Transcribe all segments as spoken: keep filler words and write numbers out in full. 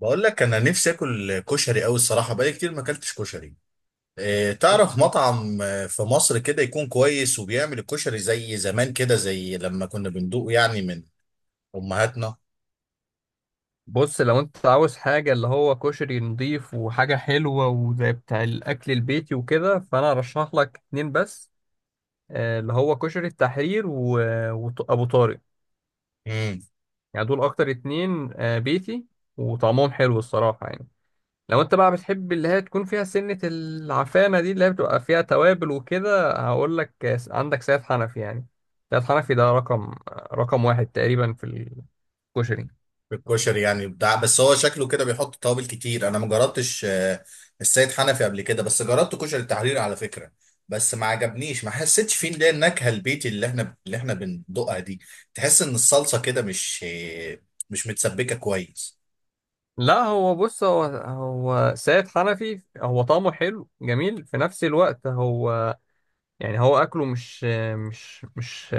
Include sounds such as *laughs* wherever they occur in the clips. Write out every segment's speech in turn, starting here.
بقول لك انا نفسي اكل كشري قوي الصراحه، بقالي كتير ما اكلتش كشري. إيه، تعرف كشري. مطعم آه، في مصر كده يكون كويس وبيعمل الكشري زي زمان كده، زي لما كنا بندوقه يعني من امهاتنا؟ بص، لو انت عاوز حاجة اللي هو كشري نضيف وحاجة حلوة وزي بتاع الأكل البيتي وكده، فأنا أرشح لك اتنين بس. آه، اللي هو كشري التحرير و- وط- وأبو طارق. امم. يعني دول أكتر اتنين، آه، بيتي، وطعمهم حلو الصراحة يعني. لو انت بقى بتحب اللي هي تكون فيها سنة العفانة دي، اللي هي بتبقى فيها توابل وكده، هقول لك آه، عندك سيد حنفي يعني. سيد حنفي ده رقم رقم واحد تقريبا في الكشري. الكشري يعني بتاع، بس هو شكله كده بيحط توابل كتير. انا ما جربتش آه، السيد حنفي قبل كده، بس جربت كشري التحرير على فكره. بس ما عجبنيش، ما حسيتش فيه اللي هي النكهه البيتي اللي احنا اللي احنا بندوقها دي. تحس ان الصلصه كده مش آه، مش متسبكه كويس. لا، هو بص، هو هو سيد حنفي، هو طعمه حلو جميل في نفس الوقت. هو يعني هو اكله مش مش مش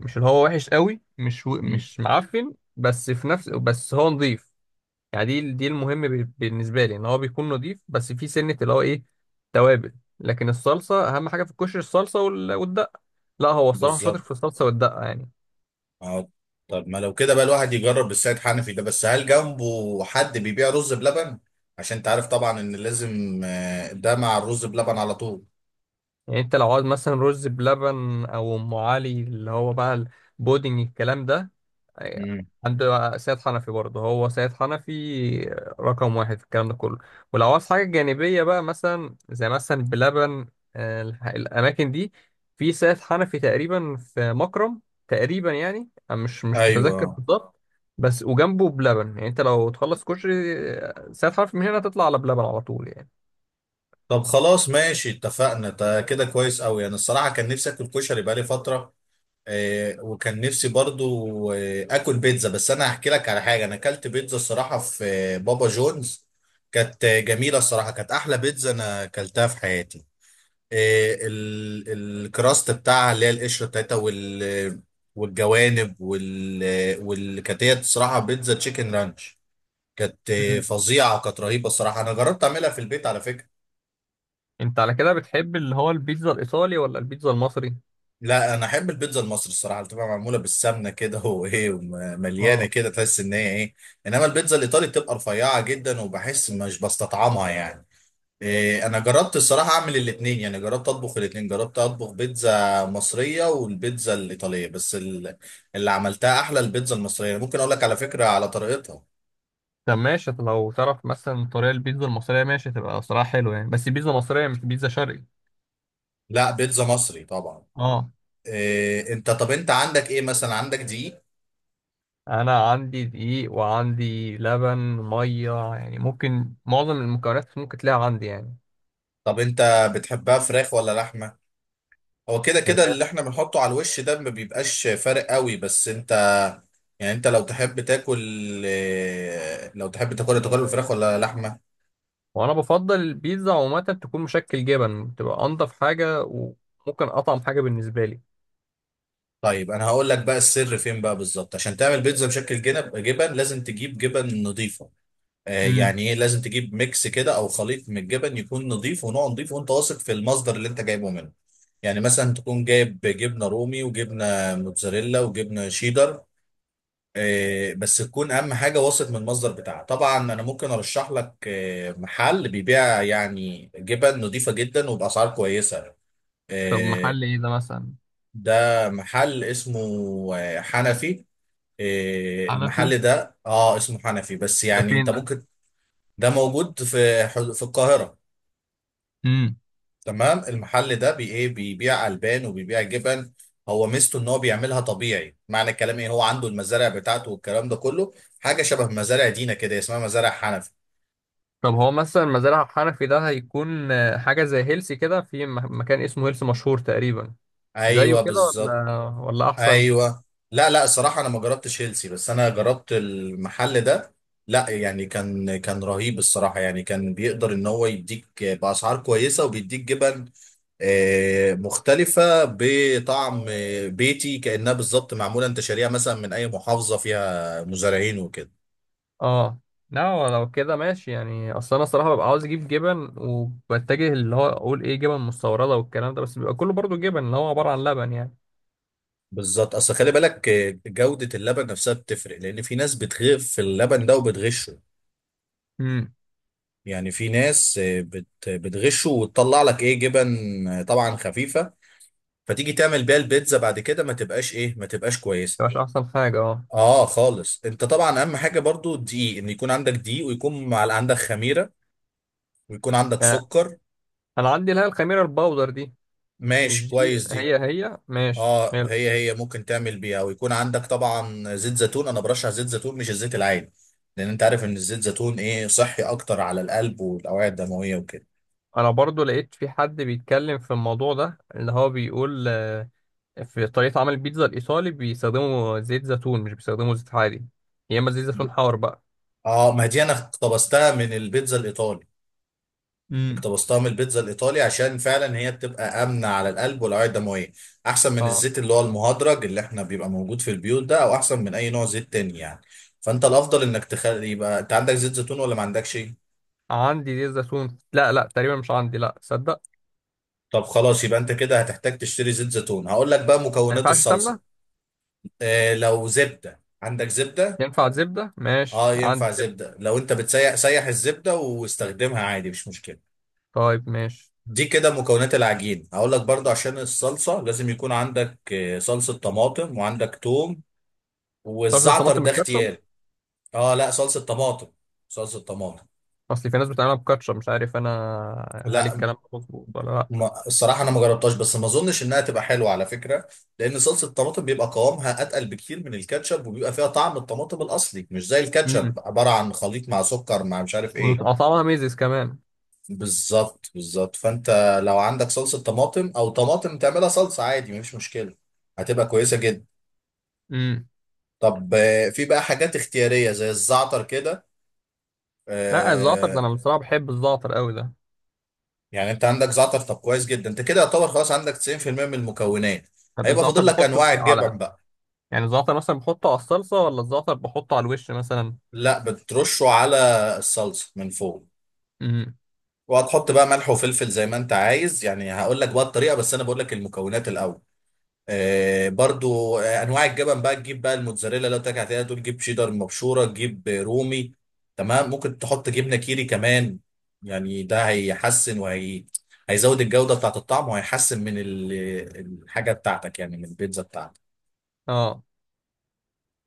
مش اللي هو وحش قوي، مش و- امم. مش معفن، بس في نفس، بس هو نظيف. يعني دي دي المهم ب- بالنسبه لي ان هو بيكون نظيف، بس في سنه اللي هو ايه، توابل. لكن الصلصه اهم حاجه في الكشري، الصلصه وال- والدقه. لا، هو الصراحه شاطر في بالظبط. الصلصه والدقه يعني. اه. طب ما لو كده بقى الواحد يجرب السيد حنفي ده، بس هل جنبه حد بيبيع رز بلبن؟ عشان انت عارف طبعا ان لازم آه، ده مع الرز بلبن على طول. يعني انت لو عاوز مثلا رز بلبن او ام علي اللي هو بقى البودنج الكلام ده، أيوة. امم. عند سيد حنفي برضه. هو سيد حنفي رقم واحد في الكلام ده كله. ولو عاوز حاجة جانبية بقى، مثلا زي مثلا بلبن، آه، الح- الأماكن دي في سيد حنفي تقريبا في مكرم تقريبا يعني. أنا مش مش متذكر ايوه. بالظبط، بس وجنبه بلبن. يعني انت لو تخلص كشري، آه، سيد حنفي من هنا تطلع على بلبن على طول يعني. طب خلاص، ماشي، اتفقنا، ده كده كويس قوي. انا الصراحه كان نفسي اكل كشري بقالي فتره، آه، وكان نفسي برضو آه، اكل بيتزا. بس انا هحكي لك على حاجه، انا اكلت بيتزا الصراحه في آه، بابا جونز. كانت آه، جميله الصراحه، كانت احلى بيتزا انا اكلتها في حياتي. آه، ال- الكراست بتاعها اللي هي القشره بتاعتها، وال والجوانب، وال والكاتيه، الصراحه بيتزا تشيكن رانش. كانت آه، مم. فظيعه، كانت رهيبه الصراحه. انا جربت اعملها في البيت على فكره. انت على كده بتحب اللي هو البيتزا الإيطالي ولا البيتزا المصري؟ لا، انا احب البيتزا المصري الصراحه، اللي بتبقى معموله بالسمنه كده *laughs* وايه، ومليانه اه. كده، تحس ان هي ايه. انما البيتزا الايطالي بتبقى رفيعه جدا، وبحس مش بستطعمها يعني. إيه، انا جربت الصراحه اعمل الاثنين، يعني جربت اطبخ الاثنين، جربت اطبخ بيتزا مصريه والبيتزا الايطاليه، بس ال- اللي عملتها احلى البيتزا المصريه. يعني ممكن اقول لك على فكره على طريقتها. طب ماشي، طب لو تعرف مثلا طريقة البيتزا المصرية ماشي، تبقى صراحة حلوة يعني، بس بيتزا مصرية مش بيتزا شرقي. لا، بيتزا مصري طبعا. اه. إيه انت، طب انت عندك ايه مثلا، عندك دقيق؟ انا عندي دقيق وعندي لبن مية، يعني ممكن معظم المكونات ممكن تلاقيها عندي يعني. طب انت بتحبها فراخ ولا لحمه؟ هو كده كده اللي فراخ. احنا بنحطه على الوش ده ما بيبقاش فارق قوي، بس انت يعني انت لو تحب تاكل، إيه، لو تحب تاكل تاكل الفراخ ولا لحمه؟ وانا بفضل البيتزا عموما تكون مشكل جبن، تبقى انضف حاجة وممكن اطعم حاجة بالنسبة لي. طيب انا هقول لك بقى السر فين بقى بالظبط. عشان تعمل بيتزا بشكل جنب جبن، لازم تجيب جبن نظيفه. آه امم. يعني ايه، لازم تجيب ميكس كده او خليط من الجبن، يكون نظيف ونوع نظيف وانت واثق في المصدر اللي انت جايبه منه. يعني مثلا تكون جايب جبنه رومي وجبنه موتزاريلا وجبنه شيدر. آه بس تكون اهم حاجه واثق من المصدر بتاعها طبعا. انا ممكن ارشح لك آه محل بيبيع يعني جبن نظيفه جدا وباسعار كويسه. طب آه محل ايه ده مثلا؟ ده محل اسمه آه، حنفي. إيه، حنفي؟ المحل ده اه اسمه حنفي، بس ده يعني فين انت ده؟ ممكن، ده موجود في حد- في القاهرة. امم. تمام، المحل ده بي ايه، بيبيع البان وبيبيع جبن. هو ميزته ان هو بيعملها طبيعي، معنى الكلام ايه، هو عنده المزارع بتاعته والكلام ده كله. حاجة شبه مزارع دينا كده، اسمها مزارع حنفي. طب هو مثلا مزارع حنفي ده هيكون آه، حاجة زي هيلسي كده، في مه- مكان اسمه هيلسي مشهور تقريبا. زيه ايوه كده بالظبط. ولا ولا احسن؟ ايوه. لا لا، الصراحة انا ما جربتش هيلسي، بس انا جربت المحل ده. لا يعني، كان كان رهيب الصراحة. يعني كان بيقدر ان هو يديك بأسعار كويسة، وبيديك جبن آه، مختلفة بطعم آه، بيتي، كأنها بالظبط معمولة انت شاريها مثلا من أي محافظة فيها مزارعين وكده. اه. لا، هو لو كده ماشي يعني. اصل انا الصراحه ببقى عاوز اجيب جبن، وبتجه اللي هو اقول ايه، جبن مستورده والكلام ده، بس بيبقى كله برضو جبن اللي هو عباره عن لبن يعني. بالظبط، أصل خلي بالك آه، جودة اللبن نفسها بتفرق، لأن في ناس بتغف في اللبن ده وبتغشه. امم. يعني في ناس آه، بت- بتغشه وتطلع لك إيه جبن آه، طبعا خفيفة، فتيجي تعمل بيها البيتزا بعد كده ما تبقاش إيه ما تبقاش كويسة. مش احسن حاجه اه. آه خالص. أنت طبعا أهم حاجة برضو الدقيق، إن يكون عندك دقيق، ويكون مع- عندك خميرة، ويكون عندك آه، سكر. انا عندي اللي هي الخميره الباودر دي، ماشي، مش دي. كويس دي. هي هي، ماشي اه حلو. هي، هي ممكن تعمل بيها، ويكون عندك طبعا زيت زيتون. انا برشح زيت زيتون مش الزيت العادي، لان انت عارف ان الزيت زيتون ايه صحي اكتر على القلب والاوعيه الدمويه وكده. انا برضو لقيت في حد بيتكلم في الموضوع ده اللي هو بيقول آه، في طريقه عمل البيتزا الايطالي بيستخدموا زيت زيتون، مش بيستخدموا زيت عادي، يا اما زيت زيتون حار بقى. اه، ما دي انا اقتبستها من البيتزا الايطالي، امم. اقتبستها من البيتزا الايطالي عشان فعلا هي بتبقى امنه على القلب والاوعيه الدمويه، احسن من اه. الزيت اللي هو المهدرج اللي احنا بيبقى موجود في البيوت ده، او احسن من اي نوع زيت تاني يعني. فانت الافضل انك تخلي، يبقى انت عندك زيت زيتون ولا ما عندكش؟ عندي زيت زيتون، لا لا، تقريبا مش عندي، لا صدق. طب خلاص، يبقى انت كده هتحتاج تشتري زيت زيتون. هقول لك بقى ما مكونات ينفعش الصلصه. سمنه؟ اه، لو زبده، عندك زبده؟ ينفع زبده؟ ماشي اه، ينفع عندي زبده. زبده. لو انت بتسيح، سيح الزبده واستخدمها عادي مش مشكله. طيب ماشي. دي كده مكونات العجين. هقول لك برضه عشان الصلصه لازم يكون عندك آه، صلصه طماطم، وعندك توم، صلصه والزعتر الطماطم ده مش كاتشب؟ اختياري. اه لا، صلصه طماطم، صلصه طماطم. اصل في ناس بتعملها بكاتشب، مش عارف انا، هل لا، الكلام ده مظبوط ولا لا؟ ما الصراحة أنا ما جربتهاش، بس ما أظنش إنها تبقى حلوة على فكرة، لأن صلصة الطماطم بيبقى قوامها أتقل بكتير من الكاتشب، وبيبقى فيها طعم الطماطم الأصلي، مش زي الكاتشب امم. عبارة عن خليط مع سكر مع مش عارف إيه. وطعمها ميزز كمان. بالظبط بالظبط، فأنت لو عندك صلصة طماطم أو طماطم تعملها صلصة عادي مفيش مشكلة، هتبقى كويسة جدا. امم. طب آه، في بقى حاجات اختيارية زي الزعتر كده. لا، الزعتر ده آه، انا بصراحه بحب الزعتر قوي ده. يعني أنت عندك زعتر، طب كويس جدا. أنت كده يعتبر خلاص عندك تسعين في المئة من المكونات، طب هيبقى الزعتر فاضل لك بحطه أنواع في، الجبن. على، يعني الزعتر مثلا بحطه على الصلصه ولا الزعتر بحطه على الوش مثلا؟ لا، بترشه على الصلصه من فوق. امم. وهتحط بقى ملح وفلفل زي ما انت عايز. يعني هقول لك بقى الطريقه، بس انا بقول لك المكونات الاول. آه برضو، آه انواع الجبن بقى، تجيب بقى الموتزاريلا، لو تاكل عليها تقول جيب شيدر مبشوره، تجيب رومي، تمام. ممكن تحط جبنه كيري كمان، يعني ده هيحسن، وهي هيزود الجوده بتاعت الطعم، وهيحسن من ال- الحاجه بتاعتك يعني، من البيتزا بتاعتك. اه.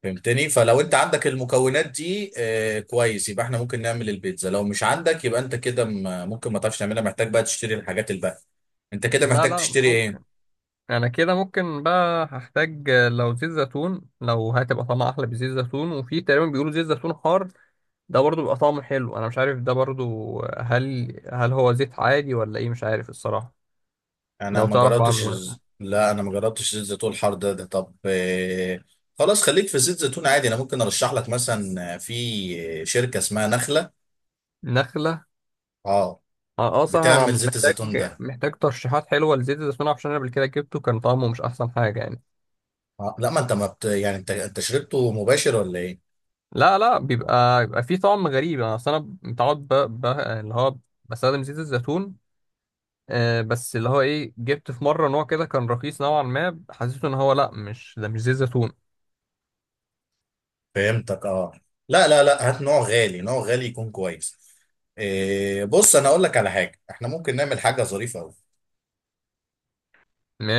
فهمتني؟ فلو انت عندك المكونات دي آه كويس، يبقى احنا ممكن نعمل البيتزا. لو مش عندك، يبقى انت كده م- ممكن ما تعرفش تعملها، محتاج بقى تشتري الحاجات الباقية. انت كده لا محتاج لا. تشتري ايه؟ انا كده ممكن بقى هحتاج لو زيت زيتون، لو هتبقى طعمها احلى بزيت زيتون. وفي تقريبا بيقولوا زيت زيتون حار، ده برضو بيبقى طعمه حلو. انا مش عارف ده برضو، هل هل هو زيت عادي ولا ايه، مش عارف الصراحة. انا لو ما تعرف جربتش عنه مثلا. الز- لا، انا ما جربتش زيت زيتون الحار ده, ده طب آه، خلاص، خليك في زيت زيتون عادي. انا ممكن ارشح لك مثلا آه، في شركة اسمها نخلة. نخلة. اه، اه. آه، صح، انا بتعمل زيت محتاج، الزيتون ده. محتاج ترشيحات حلوة لزيت الزيتون، عشان انا قبل كده جبته كان طعمه مش احسن حاجة يعني. آه. لا، ما انت ما بت... يعني انت انت شربته مباشر ولا ايه؟ لا لا، بيبقى بيبقى فيه طعم غريب. انا اصل انا متعود، ب... ب... اللي هو بستخدم زيت الزيتون. آه، بس اللي هو ايه، جبت في مرة نوع كده كان رخيص نوعا ما، حسيته ان هو لا مش ده، مش زيت زيتون. فهمتك اه. لا لا لا، هات نوع غالي، نوع غالي يكون كويس. إيه، بص انا اقول لك على حاجه، احنا ممكن نعمل حاجه ظريفه قوي.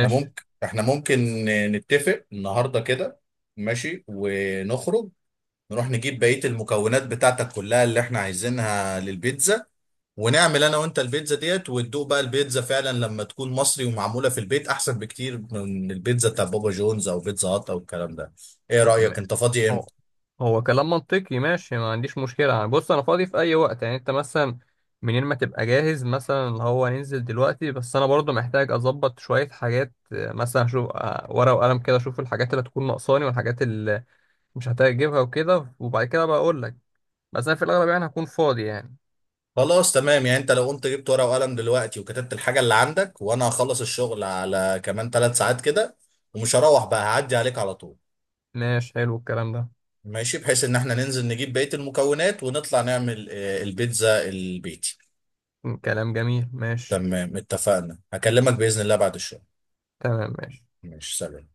احنا ممكن احنا ممكن نتفق النهارده كده، ماشي، ونخرج، نروح نجيب بقيه المكونات بتاعتك كلها اللي احنا عايزينها للبيتزا، ونعمل انا وانت البيتزا ديت، وتدوق بقى البيتزا فعلا لما تكون مصري ومعموله في البيت، احسن بكتير من البيتزا بتاع بابا جونز او بيتزا هات او الكلام ده. ايه م- م- رايك، انت فاضي امتى؟ هو، هو كلام منطقي ماشي، ما عنديش مشكلة يعني. بص انا فاضي في اي وقت يعني. انت مثلا منين ما تبقى جاهز مثلا، اللي هو ننزل دلوقتي، بس انا برضو محتاج اظبط شوية حاجات، آه، مثلا اشوف آه، ورقة وقلم كده، اشوف الحاجات اللي هتكون ناقصاني والحاجات اللي مش هحتاج اجيبها وكده، وبعد كده بقى اقول لك. بس انا في الاغلب يعني هكون فاضي يعني. خلاص، تمام. يعني انت لو قمت جبت ورقة وقلم دلوقتي، وكتبت الحاجة اللي عندك، وانا هخلص الشغل على كمان ثلاث ساعات كده، ومش هروح بقى، هعدي عليك على طول. ماشي حلو الكلام ده. ماشي، بحيث ان احنا ننزل نجيب بقية المكونات، ونطلع نعمل آه، البيتزا البيتي. كلام جميل ماشي. تمام، اتفقنا، هكلمك بإذن الله بعد الشغل. تمام ماشي. ماشي، سلام.